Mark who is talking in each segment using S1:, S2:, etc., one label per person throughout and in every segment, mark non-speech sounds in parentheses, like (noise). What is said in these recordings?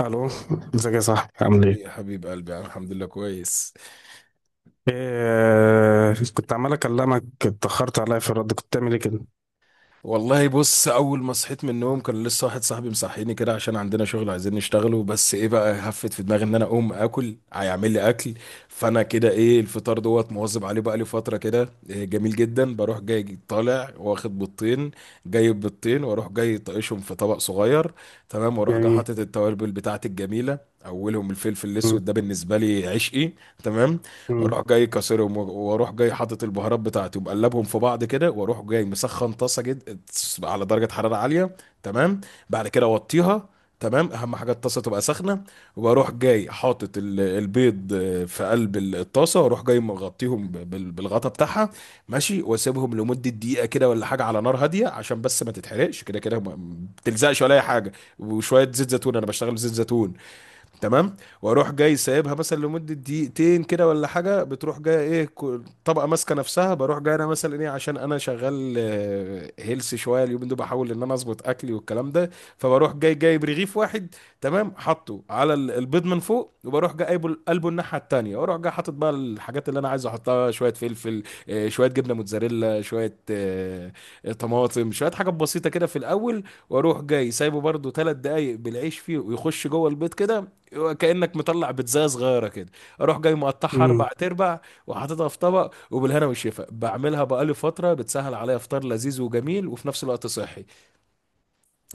S1: الو، ازيك يا صاحبي؟ عامل
S2: ايه يا
S1: ايه؟
S2: حبيب قلبي، انا الحمد لله كويس.
S1: إيه، كنت عمال اكلمك، اتاخرت عليا في الرد. كنت بتعمل ايه كده؟
S2: والله بص، اول ما صحيت من النوم كان لسه واحد صاحبي مصحيني كده، عشان عندنا شغل عايزين نشتغله. بس ايه بقى، هفت في دماغي ان انا اقوم اكل، هيعمل لي اكل. فانا كده ايه، الفطار دوت مواظب عليه بقى لي فتره كده. إيه جميل جدا، بروح جاي طالع واخد بيضتين. جايب بيضتين واروح جاي طايشهم في طبق صغير. تمام. واروح جاي
S1: جميل.
S2: حاطط التوابل بتاعتي الجميله. اولهم الفلفل
S1: مم،
S2: الاسود، ده بالنسبه لي عشقي. تمام.
S1: مم،
S2: اروح جاي كسرهم واروح جاي حاطط البهارات بتاعتي ومقلبهم في بعض كده، واروح جاي مسخن طاسه جد على درجه حراره عاليه. تمام. بعد كده اوطيها. تمام، اهم حاجه الطاسه تبقى سخنه. وبروح جاي حاطط البيض في قلب الطاسه، واروح جاي مغطيهم بالغطا بتاعها. ماشي، واسيبهم لمده دقيقه كده ولا حاجه على نار هاديه، عشان بس ما تتحرقش، كده كده ما بتلزقش ولا اي حاجه. وشويه زيت زيتون، انا بشتغل بزيت زيتون. تمام. واروح جاي سايبها مثلا لمده دقيقتين كده ولا حاجه، بتروح جايه ايه طبقه ماسكه نفسها. بروح جاي انا مثلا ايه، عشان انا شغال هيلث شويه اليومين دول، بحاول ان انا اظبط اكلي والكلام ده. فبروح جاي جايب رغيف واحد. تمام، حاطه على البيض من فوق، وبروح جاي قلبه قلبه الناحيه التانيه، واروح جاي حاطط بقى الحاجات اللي انا عايز احطها، شويه فلفل، شويه جبنه موتزاريلا، شويه طماطم، شويه حاجات بسيطه كده في الاول. واروح جاي سايبه برده 3 دقايق بالعيش فيه ويخش جوه البيض كده، كأنك مطلع بيتزاية صغيرة كده. اروح جاي مقطعها
S1: مم.
S2: 4 تربع، وحاططها في طبق وبالهنا والشفا. بعملها بقالي فترة، بتسهل عليا فطار لذيذ وجميل وفي نفس الوقت صحي.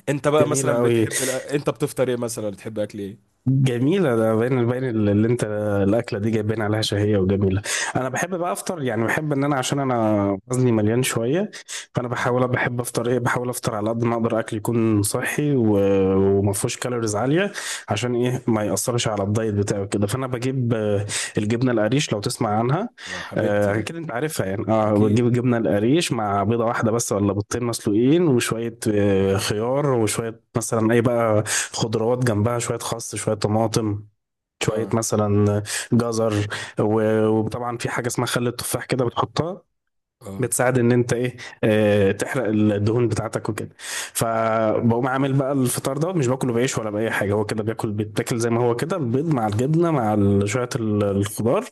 S2: انت بقى
S1: جميلة
S2: مثلا
S1: أوي.
S2: بتحب انت بتفطر ايه؟ مثلا بتحب اكل ايه؟
S1: جميلة، ده باين اللي أنت، الأكلة دي جايبين عليها شهية وجميلة. أنا بحب بقى أفطر، يعني بحب إن أنا، عشان أنا وزني مليان شوية، فأنا
S2: اه.
S1: بحاول، بحب أفطر، بحاول أفطر على قد ما أقدر، أكل يكون صحي وما فيهوش كالوريز عالية. عشان إيه ما يأثرش على الدايت بتاعي كده. فأنا بجيب الجبنة القريش، لو تسمع عنها.
S2: آه، حبيبتي دي.
S1: اكيد انت عارفها، يعني اه، بتجيب
S2: اكيد.
S1: الجبنه القريش مع بيضه واحده بس، ولا بيضتين مسلوقين، وشويه خيار، وشويه مثلا اي بقى، خضروات جنبها، شويه خس، شويه طماطم، شويه
S2: اه،
S1: مثلا جزر. وطبعا في حاجه اسمها خل التفاح كده بتحطها،
S2: اه،
S1: بتساعد ان انت ايه، آه، تحرق الدهون بتاعتك وكده. فبقوم عامل بقى الفطار دوت، مش باكله بعيش ولا باي حاجه، هو كده بياكل، بيتاكل زي ما هو كده، البيض مع الجبنه مع شويه الخضار،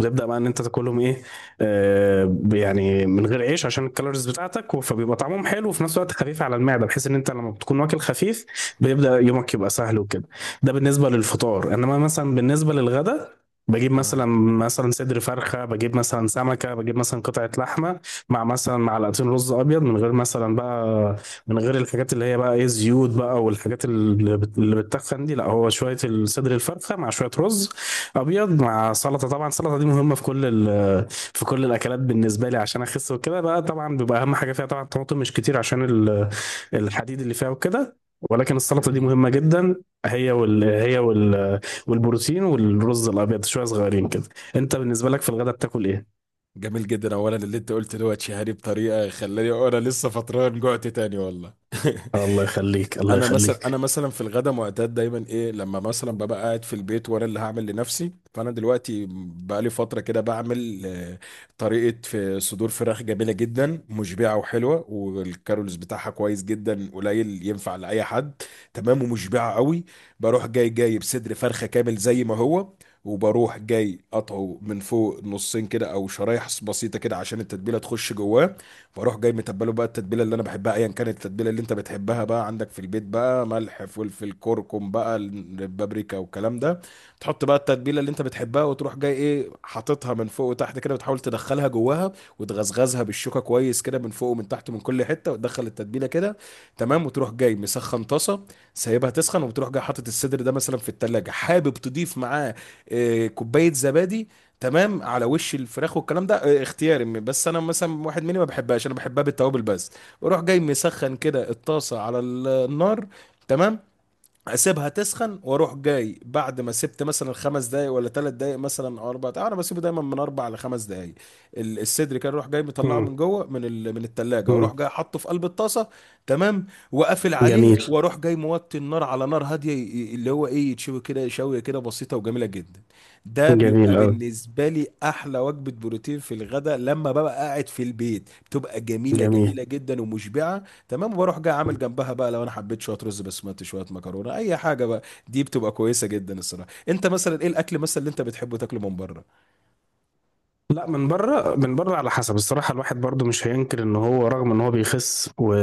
S1: وتبدا بقى ان انت تاكلهم ايه، آه، يعني من غير عيش عشان الكالوريز بتاعتك، فبيبقى طعمهم حلو، وفي نفس الوقت خفيف على المعده، بحيث ان انت لما بتكون واكل خفيف بيبدا يومك يبقى سهل وكده. ده بالنسبه للفطار. انما مثلا بالنسبه للغدا، بجيب
S2: اه.
S1: مثلا، مثلا صدر فرخه، بجيب مثلا سمكه، بجيب مثلا قطعه لحمه، مع مثلا معلقتين رز ابيض، من غير مثلا بقى، من غير الحاجات اللي هي بقى ايه، زيوت بقى، والحاجات اللي بتتخن دي، لا، هو شويه الصدر الفرخه مع شويه رز ابيض، مع سلطه. طبعا السلطه دي مهمه في كل في كل الاكلات بالنسبه لي، عشان اخس وكده بقى. طبعا بيبقى اهم حاجه فيها طبعا الطماطم، مش كتير، عشان الحديد اللي فيها وكده. ولكن السلطه دي
S2: جميل.
S1: مهمه جدا. هي وال والبروتين والرز الابيض شويه صغيرين كده. انت بالنسبه لك في الغداء بتاكل ايه؟
S2: جميل جدا، اولا اللي انت قلت دوت شهري بطريقة، خلاني انا لسه فطران جوعت تاني والله. (laughs)
S1: الله يخليك، الله
S2: انا مثلا انا
S1: يخليك.
S2: مثلا في الغدا معتاد دايما ايه، لما مثلا ببقى قاعد في البيت وانا اللي هعمل لنفسي. فانا دلوقتي بقالي فتره كده بعمل طريقه في صدور فراخ جميله جدا، مشبعه وحلوه، والكارولز بتاعها كويس جدا قليل، ينفع لاي حد. تمام، ومشبعه قوي. بروح جاي جايب صدر فرخه كامل زي ما هو، وبروح جاي قطعه من فوق نصين كده او شرايح بسيطه كده، عشان التتبيله تخش جواه. فاروح جاي متبله بقى، التتبيله اللي انا بحبها ايا كانت، التتبيله اللي انت بتحبها بقى عندك في البيت، بقى ملح، فلفل، كركم بقى، البابريكا والكلام ده. تحط بقى التتبيله اللي انت بتحبها، وتروح جاي ايه، حاططها من فوق وتحت كده، بتحاول تدخلها جواها، وتغزغزها بالشوكه كويس كده من فوق ومن تحت من كل حته، وتدخل التتبيله كده. تمام، وتروح جاي مسخن طاسه، سايبها تسخن، وبتروح جاي حاطط الصدر ده مثلا في التلاجة، حابب تضيف معاه كوبايه زبادي. تمام، على وش الفراخ والكلام ده، اختياري. بس انا مثلا واحد مني ما بحبهاش، انا بحبها بالتوابل بس. بروح جاي مسخن كده الطاسه على النار. تمام، اسيبها تسخن، واروح جاي بعد ما سبت مثلا 5 دقايق ولا 3 دقايق مثلا او 4 دقايق، انا بسيبه دايما من اربع لخمس دقايق. الصدر كان اروح جاي مطلعه
S1: مم.
S2: من جوه من من الثلاجه،
S1: مم.
S2: واروح جاي حاطه في قلب الطاسه. تمام، وقافل عليه،
S1: جميل.
S2: واروح جاي موطي النار على نار هاديه، اللي هو ايه، يتشوي كده شويه كده بسيطه وجميله جدا. ده
S1: جميل
S2: بيبقى
S1: أوي.
S2: بالنسبه لي احلى وجبه بروتين في الغداء، لما ببقى قاعد في البيت بتبقى جميله
S1: جميل.
S2: جميله جدا ومشبعه. تمام، وبروح جاي عامل جنبها بقى، لو انا حبيت شويه رز بسمتي، شويه مكرونه، اي حاجه بقى. دي بتبقى كويسه جدا الصراحه. انت مثلا ايه الاكل مثلا اللي انت بتحبه تاكله من بره؟
S1: لا، من بره، من بره على حسب. الصراحه الواحد برضو مش هينكر ان هو رغم ان هو بيخس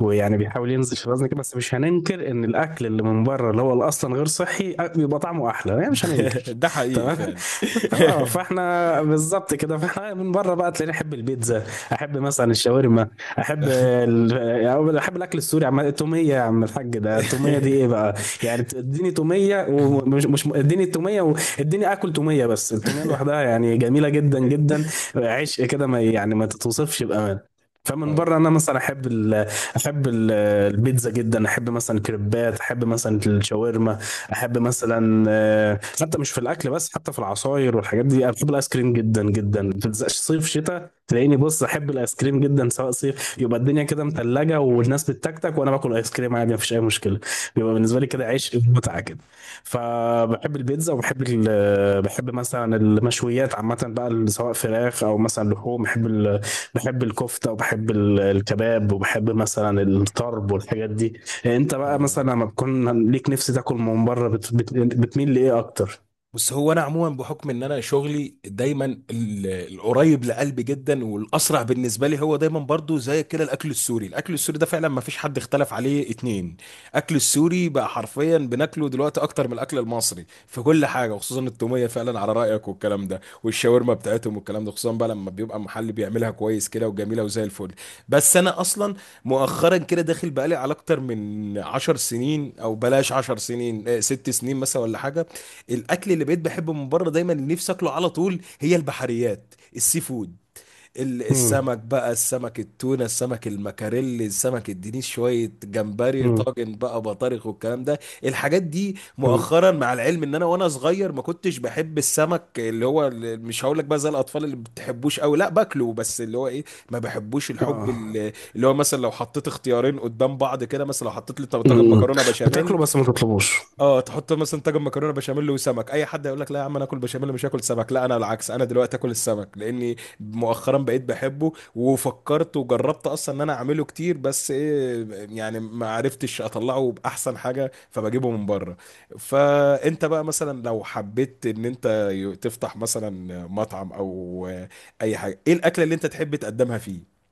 S1: ويعني بيحاول ينزل في الوزن كده، بس مش هننكر ان الاكل اللي من بره، اللي هو اللي اصلا غير صحي، بيبقى طعمه احلى، يعني مش
S2: (laughs)
S1: هننكر.
S2: ده حقيقي
S1: تمام (laughs)
S2: فعلا.
S1: اه، فاحنا بالظبط كده. فاحنا من بره بقى تلاقيني احب البيتزا، احب مثلا الشاورما، احب يعني احب الاكل السوري. عم التوميه، يا عم الحاج، ده التوميه دي ايه بقى! يعني اديني توميه، ومش مش اديني التوميه، اديني اكل توميه بس، التوميه
S2: (laughs)
S1: لوحدها يعني جميله جدا جدا، عشق كده، ما يعني ما تتوصفش بامان. فمن
S2: اه.
S1: بره انا مثلا احب احب ال- البيتزا جدا، احب مثلا الكريبات، احب مثلا الشاورما، احب مثلا حتى مش في الاكل بس، حتى في العصاير والحاجات دي، انا بحب الايس كريم جدا جدا، ما بتلزقش صيف شتاء، تلاقيني بص، احب الايس كريم جدا، سواء صيف، يبقى الدنيا كده متلجه والناس بتتكتك وانا باكل ايس كريم عادي، مفيش اي مشكله. بيبقى بالنسبه لي كده عيش متعه كده. فبحب البيتزا، وبحب بحب مثلا المشويات عامة بقى، سواء فراخ أو مثلا لحوم. بحب بحب الكفتة، وبحب الكباب، وبحب مثلا الطرب والحاجات دي. أنت بقى
S2: آه.
S1: مثلا لما بتكون ليك نفس تاكل من بره، بتميل لإيه أكتر؟
S2: بس هو انا عموما بحكم ان انا شغلي دايما، ال- القريب لقلبي جدا والاسرع بالنسبه لي هو دايما برضو زي كده الاكل السوري. الاكل السوري ده فعلا ما فيش حد اختلف عليه اتنين. اكل السوري بقى حرفيا بناكله دلوقتي اكتر من الاكل المصري في كل حاجه، وخصوصا التوميه فعلا على رايك والكلام ده، والشاورما بتاعتهم والكلام ده، خصوصا بقى لما بيبقى محل بيعملها كويس كده وجميله وزي الفل. بس انا اصلا مؤخرا كده داخل بقالي على اكتر من 10 سنين، او بلاش 10 سنين، 6 سنين مثلا ولا حاجه. الاكل اللي بقيت بحبه من بره دايما، اللي نفسي اكله على طول هي البحريات، السي فود،
S1: مم.
S2: السمك بقى، السمك التونه، السمك المكاريلي، السمك الدنيس، شويه جمبري،
S1: مم.
S2: طاجن بقى بطارخ والكلام ده. الحاجات دي
S1: مم.
S2: مؤخرا، مع العلم ان انا وانا صغير ما كنتش بحب السمك، اللي هو اللي مش هقول لك بقى زي الاطفال اللي ما بتحبوش قوي لا، باكله بس اللي هو ايه، ما بحبوش الحب،
S1: آه.
S2: اللي هو مثلا لو حطيت اختيارين قدام بعض كده، مثلا لو حطيت لي طاجن
S1: مم.
S2: مكرونه بشاميل.
S1: بتاكله بس ما تطلبوش.
S2: اه، تحط مثلا طاجن مكرونه بشاميل وسمك، اي حد يقول لك لا يا عم انا اكل بشاميل مش هاكل سمك، لا انا العكس، انا دلوقتي اكل السمك لاني مؤخرا بقيت بحبه وفكرت وجربت اصلا ان انا اعمله كتير، بس ايه يعني ما عرفتش اطلعه باحسن حاجه فبجيبه من بره. فانت بقى مثلا لو حبيت ان انت تفتح مثلا مطعم او اي حاجه، ايه الاكله اللي انت تحب تقدمها فيه؟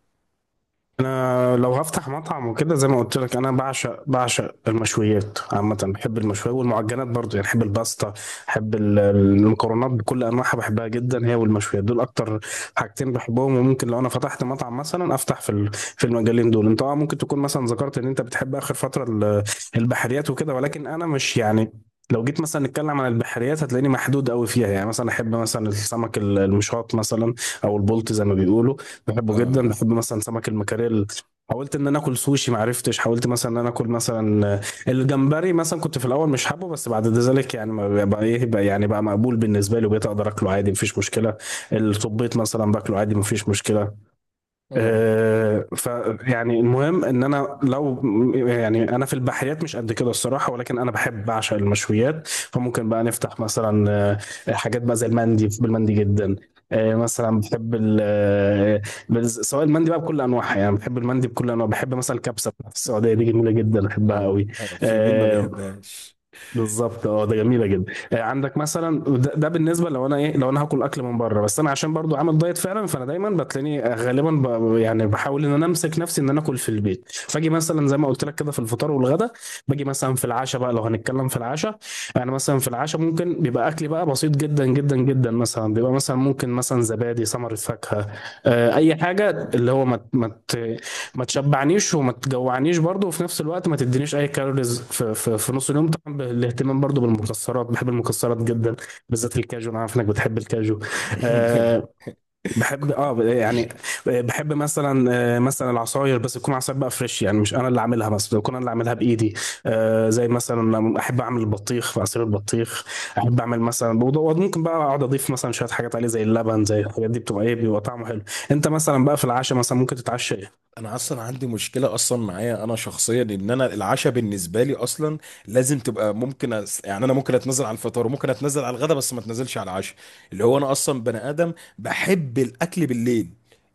S1: انا لو هفتح مطعم وكده، زي ما قلت لك، انا بعشق المشويات عامه، بحب المشويات والمعجنات برضو، يعني بحب الباستا، بحب المكرونات بكل انواعها، بحبها جدا، هي والمشويات دول اكتر حاجتين بحبهم. وممكن لو انا فتحت مطعم مثلا افتح في في المجالين دول. انت اه ممكن تكون مثلا ذكرت ان انت بتحب اخر فتره البحريات وكده، ولكن انا مش يعني، لو جيت مثلا نتكلم عن البحريات هتلاقيني محدود قوي فيها، يعني مثلا احب مثلا السمك المشاط مثلا، او البلطي زي ما بيقولوا، بحبه جدا.
S2: اه،
S1: بحب مثلا سمك المكاريل. حاولت ان انا اكل سوشي ما عرفتش. حاولت مثلا ان انا اكل مثلا الجمبري مثلا، كنت في الاول مش حابه، بس بعد ذلك يعني ما بقى ايه بقى، يعني بقى مقبول بالنسبه لي، وبقيت اقدر اكله عادي مفيش مشكله. الطبيط مثلا باكله عادي مفيش مشكله.
S2: اه،
S1: آه، فيعني المهم ان انا لو، يعني انا في البحريات مش قد كده الصراحه، ولكن انا بحب، بعشق المشويات، فممكن بقى نفتح مثلا حاجات بقى زي المندي، بحب المندي جدا. مثلا بحب سواء المندي بقى بكل انواعها، يعني بحب المندي بكل انواع. بحب مثلا الكبسه بتاعت السعوديه دي، جميله جدا، بحبها
S2: اه.
S1: قوي.
S2: آه، في مين ما بيحبهاش؟
S1: بالظبط، اه، ده جميله جدا. آه، عندك مثلا ده بالنسبه لو انا ايه، لو انا هاكل اكل من بره. بس انا عشان برضو عامل دايت فعلا، فانا دايما بتلاقيني آه، غالبا يعني بحاول ان انا امسك نفسي ان انا اكل في البيت. فاجي مثلا زي ما قلت لك كده في الفطار والغدا. باجي مثلا في العشاء بقى، لو هنتكلم في العشاء. انا مثلا في العشاء ممكن بيبقى اكلي بقى بسيط جدا جدا جدا، مثلا بيبقى مثلا ممكن مثلا زبادي، ثمر الفاكهه، اي حاجه اللي هو ما تشبعنيش وما تجوعنيش برضو، وفي نفس الوقت ما تدينيش اي كالوريز في نص اليوم. طبعا بالاهتمام برضو بالمكسرات، بحب المكسرات جدا، بالذات الكاجو، انا عارف انك بتحب الكاجو. أه، بحب اه
S2: (laughs)
S1: يعني بحب مثلا مثلا العصاير، بس تكون عصاير بقى فريش، يعني مش انا اللي عاملها، مثلا تكون انا اللي عاملها بايدي. أه، زي مثلا احب اعمل البطيخ في عصير البطيخ. احب اعمل مثلا ممكن بقى اقعد اضيف مثلا شويه حاجات عليه زي اللبن، زي الحاجات دي، بتبقى ايه، بيبقى طعمه حلو. انت مثلا بقى في العشاء مثلا ممكن تتعشى
S2: انا اصلا عندي مشكله، اصلا معايا انا شخصيا، ان انا العشاء بالنسبه لي اصلا لازم تبقى ممكن يعني، انا ممكن اتنزل على الفطار، وممكن اتنزل على الغداء، بس ما اتنزلش على العشاء. اللي هو انا اصلا بني ادم بحب الاكل بالليل.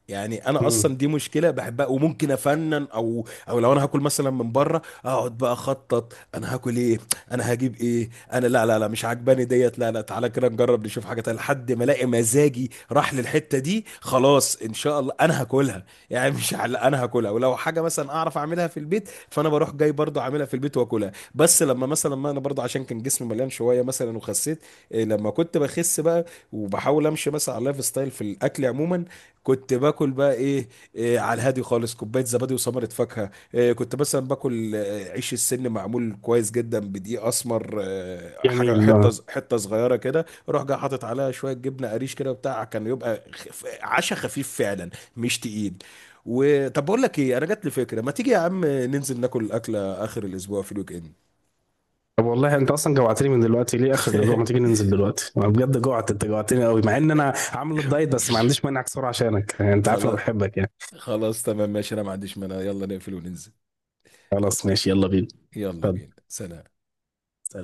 S2: يعني انا
S1: ايه؟
S2: اصلا دي مشكله بحبها، وممكن افنن، او لو انا هاكل مثلا من بره، اقعد بقى اخطط انا هاكل ايه، انا هجيب ايه، انا لا، لا، لا، مش عجباني ديت، لا، لا، تعالى كده نجرب نشوف حاجه تانية، لحد ما الاقي مزاجي راح للحته دي، خلاص ان شاء الله انا هاكلها. يعني مش على انا هاكلها، ولو حاجه مثلا اعرف اعملها في البيت فانا بروح جاي برضو اعملها في البيت واكلها، بس لما مثلا، ما انا برضو عشان كان جسمي مليان شويه مثلا وخسيت. إيه، لما كنت بخس بقى وبحاول امشي مثلا على اللايف ستايل في الاكل عموما، كنت باكل بقى ايه، إيه على الهادي خالص، كوبايه زبادي وثمره فاكهه، إيه كنت مثلا باكل عيش السن، معمول كويس جدا بدقيق اسمر، حاجه
S1: جميل،
S2: حته
S1: اه.
S2: حته صغيره كده، اروح جاي حاطط عليها شويه جبنه قريش كده وبتاع، كان يبقى عشا خفيف فعلا. مش تقيل. وطب بقول لك ايه، انا جات لي فكره، ما تيجي يا عم ننزل ناكل اكله اخر الاسبوع في الويك اند؟
S1: طب والله انت اصلا جوعتني من دلوقتي، ليه اخر الاسبوع؟ ما تيجي
S2: (laughs)
S1: ننزل دلوقتي، انا بجد جوعت، انت جوعتني قوي، مع ان انا عامل الدايت، بس ما عنديش مانع اكسره عشانك، يعني انت عارف انا
S2: خلاص،
S1: بحبك يعني.
S2: خلاص تمام ماشي، انا ما عنديش مانع، يلا نقفل وننزل.
S1: خلاص ماشي، يلا بينا.
S2: يلا
S1: اتفضل،
S2: بينا، سلام.
S1: سلام.